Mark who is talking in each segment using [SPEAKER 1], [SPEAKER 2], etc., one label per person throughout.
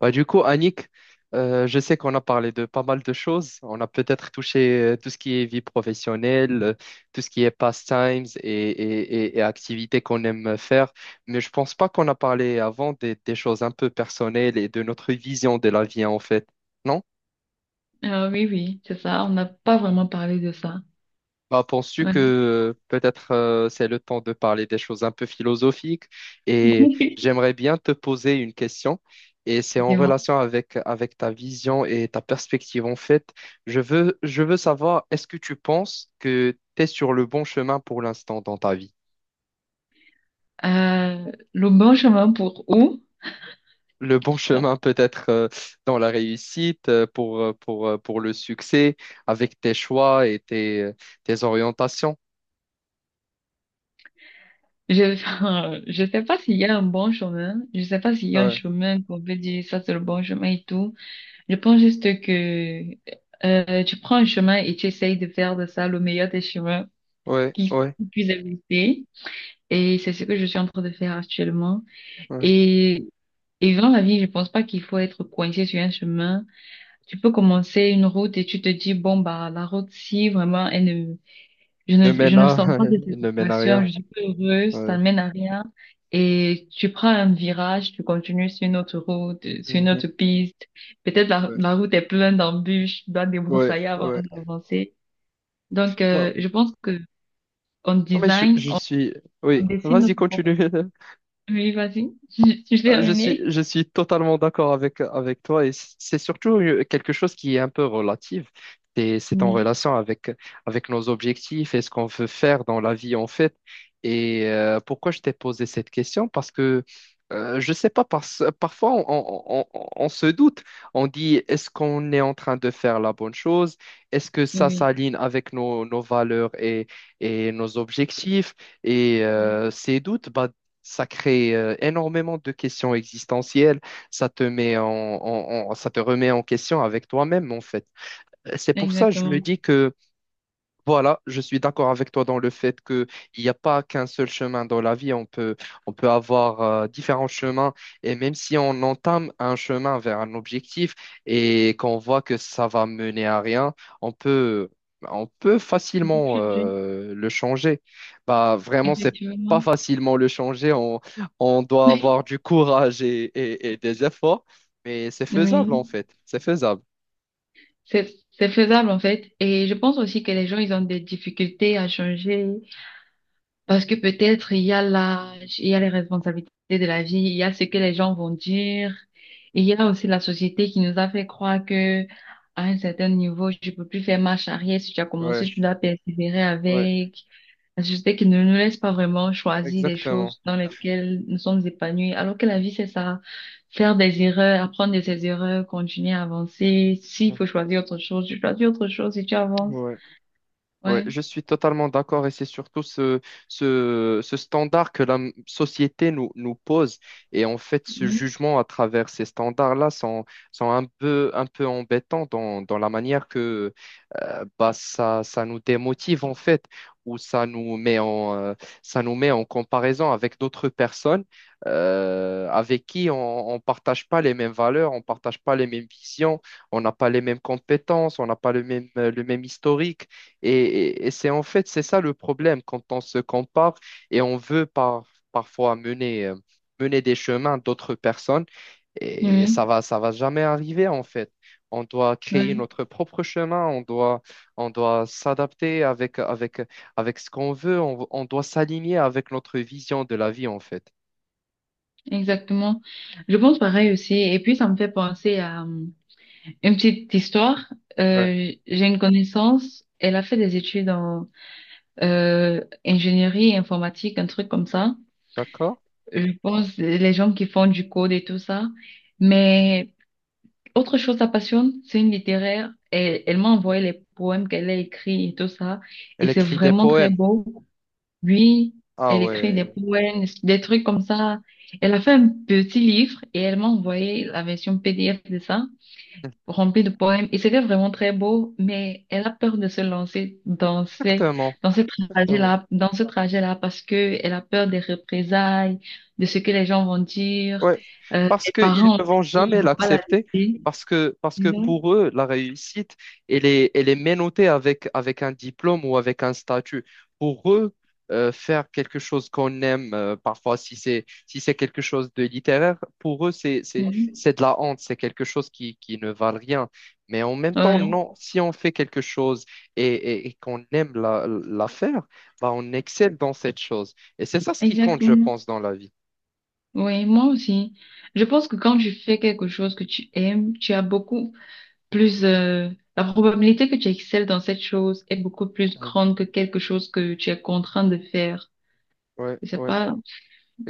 [SPEAKER 1] Bah, du coup, Annick, je sais qu'on a parlé de pas mal de choses. On a peut-être touché tout ce qui est vie professionnelle, tout ce qui est pastimes et activités qu'on aime faire. Mais je pense pas qu'on a parlé avant des choses un peu personnelles et de notre vision de la vie, en fait. Non.
[SPEAKER 2] Ah oui, oui, c'est ça. On n'a pas vraiment parlé de ça.
[SPEAKER 1] Bah, penses-tu que
[SPEAKER 2] Ouais.
[SPEAKER 1] peut-être c'est le temps de parler des choses un peu philosophiques? Et j'aimerais bien te poser une question, et c'est en
[SPEAKER 2] Dis-moi.
[SPEAKER 1] relation avec ta vision et ta perspective, en fait. Je veux savoir, est-ce que tu penses que tu es sur le bon chemin pour l'instant dans ta vie?
[SPEAKER 2] Le bon chemin pour où?
[SPEAKER 1] Le bon
[SPEAKER 2] Ça.
[SPEAKER 1] chemin peut-être, dans la réussite, pour le succès, avec tes choix et tes orientations.
[SPEAKER 2] Je, je sais pas s'il y a un bon chemin. Je sais pas s'il y a un
[SPEAKER 1] Ouais,
[SPEAKER 2] chemin qu'on peut dire ça c'est le bon chemin et tout. Je pense juste que tu prends un chemin et tu essayes de faire de ça le meilleur des chemins
[SPEAKER 1] ouais,
[SPEAKER 2] qui
[SPEAKER 1] ouais,
[SPEAKER 2] qui puisse exister. Et c'est ce que je suis en train de faire actuellement.
[SPEAKER 1] ouais.
[SPEAKER 2] Et, et dans la vie, je pense pas qu'il faut être coincé sur un chemin. Tu peux commencer une route et tu te dis, bon, bah, la route, si vraiment, elle ne, je
[SPEAKER 1] Ne
[SPEAKER 2] ne, je
[SPEAKER 1] mène
[SPEAKER 2] ne
[SPEAKER 1] à,
[SPEAKER 2] sens pas de
[SPEAKER 1] ne mène à
[SPEAKER 2] satisfaction,
[SPEAKER 1] rien.
[SPEAKER 2] je suis pas heureuse, ça
[SPEAKER 1] Ouais.
[SPEAKER 2] ne mène à rien. Et tu prends un virage, tu continues sur une autre route, sur une
[SPEAKER 1] Mhm.
[SPEAKER 2] autre piste. Peut-être la,
[SPEAKER 1] Ouais,
[SPEAKER 2] la route est pleine d'embûches, tu dois te
[SPEAKER 1] ouais,
[SPEAKER 2] débroussailler avant
[SPEAKER 1] ouais.
[SPEAKER 2] d'avancer. Donc,
[SPEAKER 1] Non,
[SPEAKER 2] je pense que on
[SPEAKER 1] non, mais je,
[SPEAKER 2] design,
[SPEAKER 1] je
[SPEAKER 2] on,
[SPEAKER 1] suis...
[SPEAKER 2] on
[SPEAKER 1] Oui,
[SPEAKER 2] dessine
[SPEAKER 1] vas-y,
[SPEAKER 2] notre propre.
[SPEAKER 1] continue.
[SPEAKER 2] Oui, vas-y. Tu
[SPEAKER 1] Je suis,
[SPEAKER 2] terminé?
[SPEAKER 1] je suis totalement d'accord avec toi, et c'est surtout quelque chose qui est un peu relative. C'est en
[SPEAKER 2] Mhm.
[SPEAKER 1] relation avec nos objectifs et ce qu'on veut faire dans la vie, en fait. Et pourquoi je t'ai posé cette question? Parce que je sais pas, parfois on se doute. On dit, est-ce qu'on est en train de faire la bonne chose? Est-ce que ça
[SPEAKER 2] Oui,
[SPEAKER 1] s'aligne avec nos valeurs et nos objectifs? Et ces doutes, bah, ça crée énormément de questions existentielles. Ça te remet en question avec toi-même, en fait. C'est pour ça que je me
[SPEAKER 2] exactement.
[SPEAKER 1] dis que voilà, je suis d'accord avec toi dans le fait que il n'y a pas qu'un seul chemin dans la vie. On peut avoir différents chemins, et même si on entame un chemin vers un objectif et qu'on voit que ça va mener à rien, on peut, on peut
[SPEAKER 2] On peut
[SPEAKER 1] facilement
[SPEAKER 2] changer,
[SPEAKER 1] le changer. Bah, vraiment, c'est pas
[SPEAKER 2] effectivement.
[SPEAKER 1] facilement le changer. On doit avoir du courage et des efforts, mais c'est faisable, en
[SPEAKER 2] Oui.
[SPEAKER 1] fait. C'est faisable.
[SPEAKER 2] C'est faisable en fait. Et je pense aussi que les gens, ils ont des difficultés à changer parce que peut-être il y a l'âge, il y a les responsabilités de la vie, il y a ce que les gens vont dire. Et il y a aussi la société qui nous a fait croire que à un certain niveau, tu peux plus faire marche arrière. Si tu as commencé,
[SPEAKER 1] Ouais,
[SPEAKER 2] tu dois persévérer
[SPEAKER 1] ouais,
[SPEAKER 2] avec. La société qui ne nous laisse pas vraiment choisir des
[SPEAKER 1] exactement.
[SPEAKER 2] choses dans lesquelles nous sommes épanouis, alors que la vie, c'est ça. Faire des erreurs, apprendre de ses erreurs, continuer à avancer. S'il faut choisir autre chose, tu choisis autre chose et tu avances.
[SPEAKER 1] Ouais. Ouais,
[SPEAKER 2] Ouais.
[SPEAKER 1] je suis totalement d'accord, et c'est surtout ce standard que la société nous pose, et en fait ce
[SPEAKER 2] Oui,
[SPEAKER 1] jugement à travers ces standards-là sont, un peu, embêtants dans la manière que, bah, ça nous démotive, en fait, ou ça nous met en comparaison avec d'autres personnes, avec qui on ne partage pas les mêmes valeurs, on ne partage pas les mêmes visions, on n'a pas les mêmes compétences, on n'a pas le même historique. Et c'est en fait, c'est ça le problème quand on se compare, et on veut parfois mener, mener des chemins d'autres personnes. Et ça
[SPEAKER 2] oui,
[SPEAKER 1] va, ça va jamais arriver, en fait. On doit créer
[SPEAKER 2] ouais,
[SPEAKER 1] notre propre chemin, on doit s'adapter avec ce qu'on veut. On doit s'aligner avec notre vision de la vie, en fait.
[SPEAKER 2] exactement. Je pense pareil aussi. Et puis, ça me fait penser à une petite histoire.
[SPEAKER 1] Ouais.
[SPEAKER 2] J'ai une connaissance, elle a fait des études en ingénierie informatique, un truc comme ça.
[SPEAKER 1] D'accord?
[SPEAKER 2] Je pense, les gens qui font du code et tout ça. Mais autre chose, sa passion, c'est une littéraire. Elle, elle m'a envoyé les poèmes qu'elle a écrits et tout ça. Et
[SPEAKER 1] Elle
[SPEAKER 2] c'est
[SPEAKER 1] écrit des
[SPEAKER 2] vraiment très
[SPEAKER 1] poèmes.
[SPEAKER 2] beau. Oui,
[SPEAKER 1] Ah,
[SPEAKER 2] elle écrit des
[SPEAKER 1] ouais,
[SPEAKER 2] poèmes, des trucs comme ça. Elle a fait un petit livre et elle m'a envoyé la version PDF de ça remplie de poèmes et c'était vraiment très beau, mais elle a peur de se lancer dans
[SPEAKER 1] exactement. Exactement.
[SPEAKER 2] dans ce trajet-là parce que elle a peur des représailles, de ce que les gens vont dire,
[SPEAKER 1] Ouais, parce
[SPEAKER 2] les
[SPEAKER 1] qu'ils
[SPEAKER 2] parents
[SPEAKER 1] ne
[SPEAKER 2] aussi,
[SPEAKER 1] vont
[SPEAKER 2] ils
[SPEAKER 1] jamais
[SPEAKER 2] vont pas la
[SPEAKER 1] l'accepter,
[SPEAKER 2] laisser,
[SPEAKER 1] parce que
[SPEAKER 2] disons.
[SPEAKER 1] pour eux, la réussite, elle est menottée avec un diplôme ou avec un statut. Pour eux, faire quelque chose qu'on aime, parfois si c'est quelque chose de littéraire, pour eux, c'est, c'est,
[SPEAKER 2] Oui,
[SPEAKER 1] c'est de la honte, c'est quelque chose qui ne valent rien. Mais en même temps,
[SPEAKER 2] ouais,
[SPEAKER 1] non, si on fait quelque chose et qu'on aime la faire, bah, on excelle dans cette chose. Et c'est ça ce qui compte, je
[SPEAKER 2] exactement.
[SPEAKER 1] pense, dans la vie.
[SPEAKER 2] Oui, moi aussi. Je pense que quand tu fais quelque chose que tu aimes, tu as beaucoup plus, la probabilité que tu excelles dans cette chose est beaucoup plus
[SPEAKER 1] Mhm.
[SPEAKER 2] grande que quelque chose que tu es contraint de faire.
[SPEAKER 1] Ouais,
[SPEAKER 2] Je sais
[SPEAKER 1] ouais.
[SPEAKER 2] pas.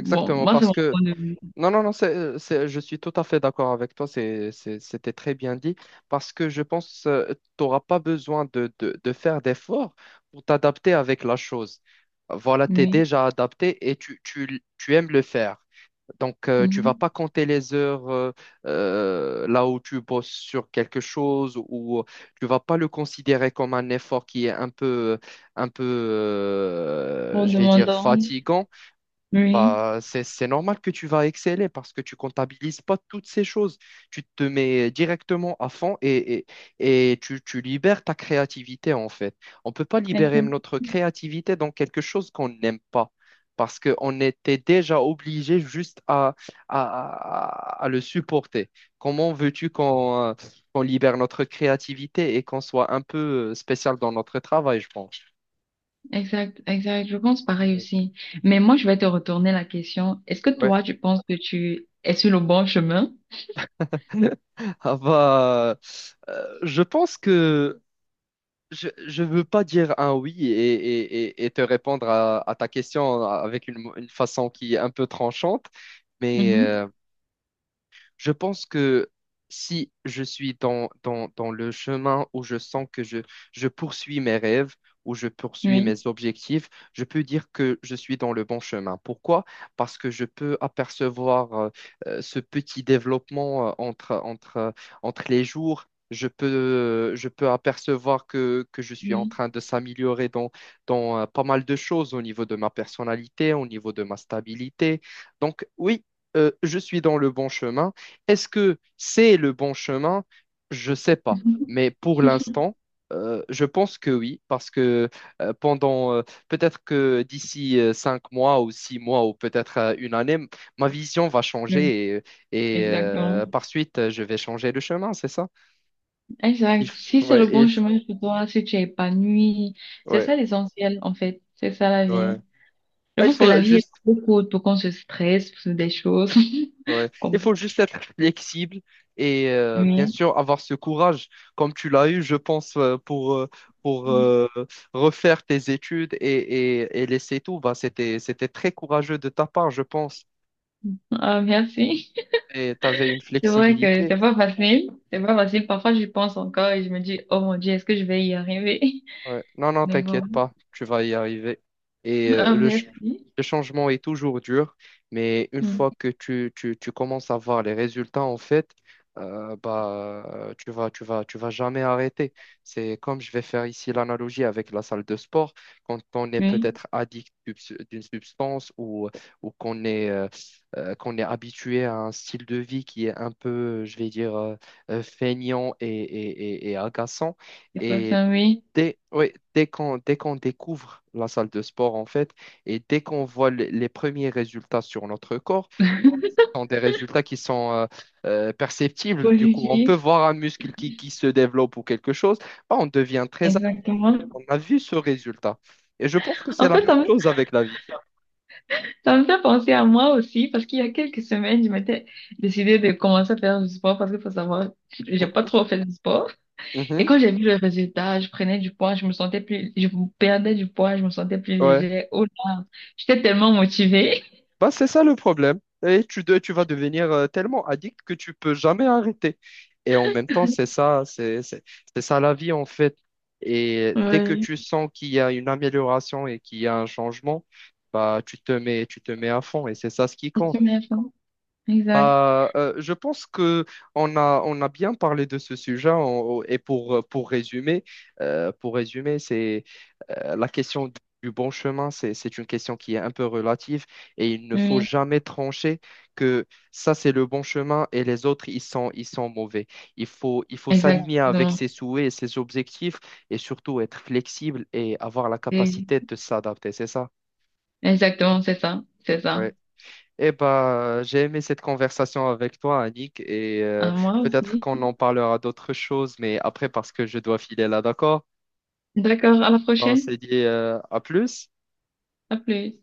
[SPEAKER 2] Bon, moi, c'est
[SPEAKER 1] parce
[SPEAKER 2] mon
[SPEAKER 1] que
[SPEAKER 2] point de vue.
[SPEAKER 1] non, non, non, je suis tout à fait d'accord avec toi, c'était très bien dit, parce que je pense que tu n'auras pas besoin de faire d'efforts pour t'adapter avec la chose. Voilà, tu es
[SPEAKER 2] Oui.
[SPEAKER 1] déjà adapté et tu aimes le faire. Donc, tu vas
[SPEAKER 2] Mhm.
[SPEAKER 1] pas compter les heures, là où tu bosses sur quelque chose, ou tu vas pas le considérer comme un effort qui est un peu,
[SPEAKER 2] En
[SPEAKER 1] je vais dire,
[SPEAKER 2] demandant.
[SPEAKER 1] fatigant.
[SPEAKER 2] Oui.
[SPEAKER 1] Bah, c'est normal que tu vas exceller, parce que tu comptabilises pas toutes ces choses. Tu te mets directement à fond, et tu libères ta créativité, en fait. On peut pas libérer
[SPEAKER 2] Exact,
[SPEAKER 1] notre créativité dans quelque chose qu'on n'aime pas, parce qu'on était déjà obligé juste à, à le supporter. Comment veux-tu qu'on libère notre créativité et qu'on soit un peu spécial dans notre travail, je pense.
[SPEAKER 2] exact, exact. Je pense pareil aussi. Mais moi, je vais te retourner la question. Est-ce que
[SPEAKER 1] Ouais.
[SPEAKER 2] toi, tu penses que tu es sur le bon chemin?
[SPEAKER 1] Ah, bah, je pense que je ne veux pas dire un oui et, et te répondre à ta question avec une façon qui est un peu tranchante, mais
[SPEAKER 2] Mhm.
[SPEAKER 1] je pense que si je suis dans le chemin où je sens que je poursuis mes rêves, où je poursuis mes
[SPEAKER 2] Oui.
[SPEAKER 1] objectifs, je peux dire que je suis dans le bon chemin. Pourquoi? Parce que je peux apercevoir ce petit développement, entre les jours. Je peux apercevoir que je suis en
[SPEAKER 2] Oui.
[SPEAKER 1] train de s'améliorer dans, dans pas mal de choses, au niveau de ma personnalité, au niveau de ma stabilité. Donc oui, je suis dans le bon chemin. Est-ce que c'est le bon chemin? Je ne sais pas.
[SPEAKER 2] Mhm.
[SPEAKER 1] Mais pour l'instant, je pense que oui, parce que pendant peut-être que d'ici 5 mois ou 6 mois, ou peut-être une année, ma vision va
[SPEAKER 2] Oui.
[SPEAKER 1] changer, et
[SPEAKER 2] Exactement.
[SPEAKER 1] par suite, je vais changer de chemin, c'est ça? Il
[SPEAKER 2] Exact.
[SPEAKER 1] f-
[SPEAKER 2] Si c'est
[SPEAKER 1] ouais,
[SPEAKER 2] le
[SPEAKER 1] il
[SPEAKER 2] bon
[SPEAKER 1] f-
[SPEAKER 2] chemin pour toi, si tu es épanoui, c'est
[SPEAKER 1] ouais,
[SPEAKER 2] ça l'essentiel, en fait. C'est ça la
[SPEAKER 1] ouais.
[SPEAKER 2] vie. Je
[SPEAKER 1] Ah, il
[SPEAKER 2] pense que la
[SPEAKER 1] faut
[SPEAKER 2] vie est
[SPEAKER 1] juste...
[SPEAKER 2] trop courte pour qu'on se stresse pour des choses.
[SPEAKER 1] Ouais. Il
[SPEAKER 2] Qu'on...
[SPEAKER 1] faut juste être flexible, et bien
[SPEAKER 2] Oui.
[SPEAKER 1] sûr avoir ce courage comme tu l'as eu, je pense, pour refaire tes études, et laisser tout. Bah, c'était très courageux de ta part, je pense.
[SPEAKER 2] Ah, merci.
[SPEAKER 1] Et tu avais une
[SPEAKER 2] C'est vrai que
[SPEAKER 1] flexibilité.
[SPEAKER 2] c'est pas facile. C'est pas facile. Parfois, j'y pense encore et je me dis, oh mon Dieu, est-ce que je vais y arriver?
[SPEAKER 1] Ouais. Non, non,
[SPEAKER 2] Mais bon.
[SPEAKER 1] t'inquiète pas, tu vas y arriver. Et
[SPEAKER 2] Ah,
[SPEAKER 1] le, ch-
[SPEAKER 2] merci.
[SPEAKER 1] le changement est toujours dur, mais une
[SPEAKER 2] Hmm.
[SPEAKER 1] fois que tu commences à voir les résultats, en fait, tu vas jamais arrêter. C'est comme je vais faire ici l'analogie avec la salle de sport. Quand on est
[SPEAKER 2] Oui,
[SPEAKER 1] peut-être addict d'une substance, ou ou qu'on est, euh, qu'on est habitué à un style de vie qui est un peu, je vais dire, feignant et agaçant.
[SPEAKER 2] c'est pas
[SPEAKER 1] Et
[SPEAKER 2] ça, oui.
[SPEAKER 1] Ouais, dès qu'on découvre la salle de sport, en fait, et dès qu'on voit les premiers résultats sur notre corps, ce sont des résultats qui sont perceptibles. Du coup, on peut
[SPEAKER 2] Positif.
[SPEAKER 1] voir un muscle qui se développe, ou quelque chose. Bah, on devient très apte.
[SPEAKER 2] Exactement.
[SPEAKER 1] On a vu ce résultat. Et je pense que c'est
[SPEAKER 2] En
[SPEAKER 1] la
[SPEAKER 2] fait,
[SPEAKER 1] même chose avec la vie.
[SPEAKER 2] ça me fait penser à moi aussi parce qu'il y a quelques semaines, je m'étais décidée de commencer à faire du sport parce qu'il faut savoir, j'ai pas trop fait du sport.
[SPEAKER 1] Mhm.
[SPEAKER 2] Et
[SPEAKER 1] Mhm.
[SPEAKER 2] quand j'ai vu le résultat, je prenais du poids, je me sentais plus, je perdais du poids, je me sentais plus
[SPEAKER 1] Ouais.
[SPEAKER 2] légère. Oh là, j'étais tellement motivée.
[SPEAKER 1] Bah, c'est ça le problème. Et tu vas devenir, tellement addict que tu peux jamais arrêter. Et en même temps, c'est ça, c'est ça la vie, en fait. Et dès que
[SPEAKER 2] Oui.
[SPEAKER 1] tu sens qu'il y a une amélioration et qu'il y a un changement, bah, tu te mets à fond. Et c'est ça ce qui
[SPEAKER 2] C'est
[SPEAKER 1] compte.
[SPEAKER 2] une erreur. Exact.
[SPEAKER 1] Bah, je pense que on a bien parlé de ce sujet, et pour, pour résumer, c'est la question du bon chemin, c'est une question qui est un peu relative, et il ne faut
[SPEAKER 2] Oui,
[SPEAKER 1] jamais trancher que ça c'est le bon chemin et les autres, ils sont mauvais. Il faut s'aligner avec
[SPEAKER 2] exactement.
[SPEAKER 1] ses souhaits et ses objectifs, et surtout être flexible et avoir la
[SPEAKER 2] Et...
[SPEAKER 1] capacité de s'adapter, c'est ça?
[SPEAKER 2] Exactement, c'est ça. C'est ça.
[SPEAKER 1] Eh ben, j'ai aimé cette conversation avec toi, Annick, et
[SPEAKER 2] À moi
[SPEAKER 1] peut-être
[SPEAKER 2] aussi.
[SPEAKER 1] qu'on en parlera d'autres choses, mais après, parce que je dois filer là, d'accord?
[SPEAKER 2] D'accord, à la
[SPEAKER 1] Ben, on
[SPEAKER 2] prochaine.
[SPEAKER 1] s'est dit à plus.
[SPEAKER 2] À plus.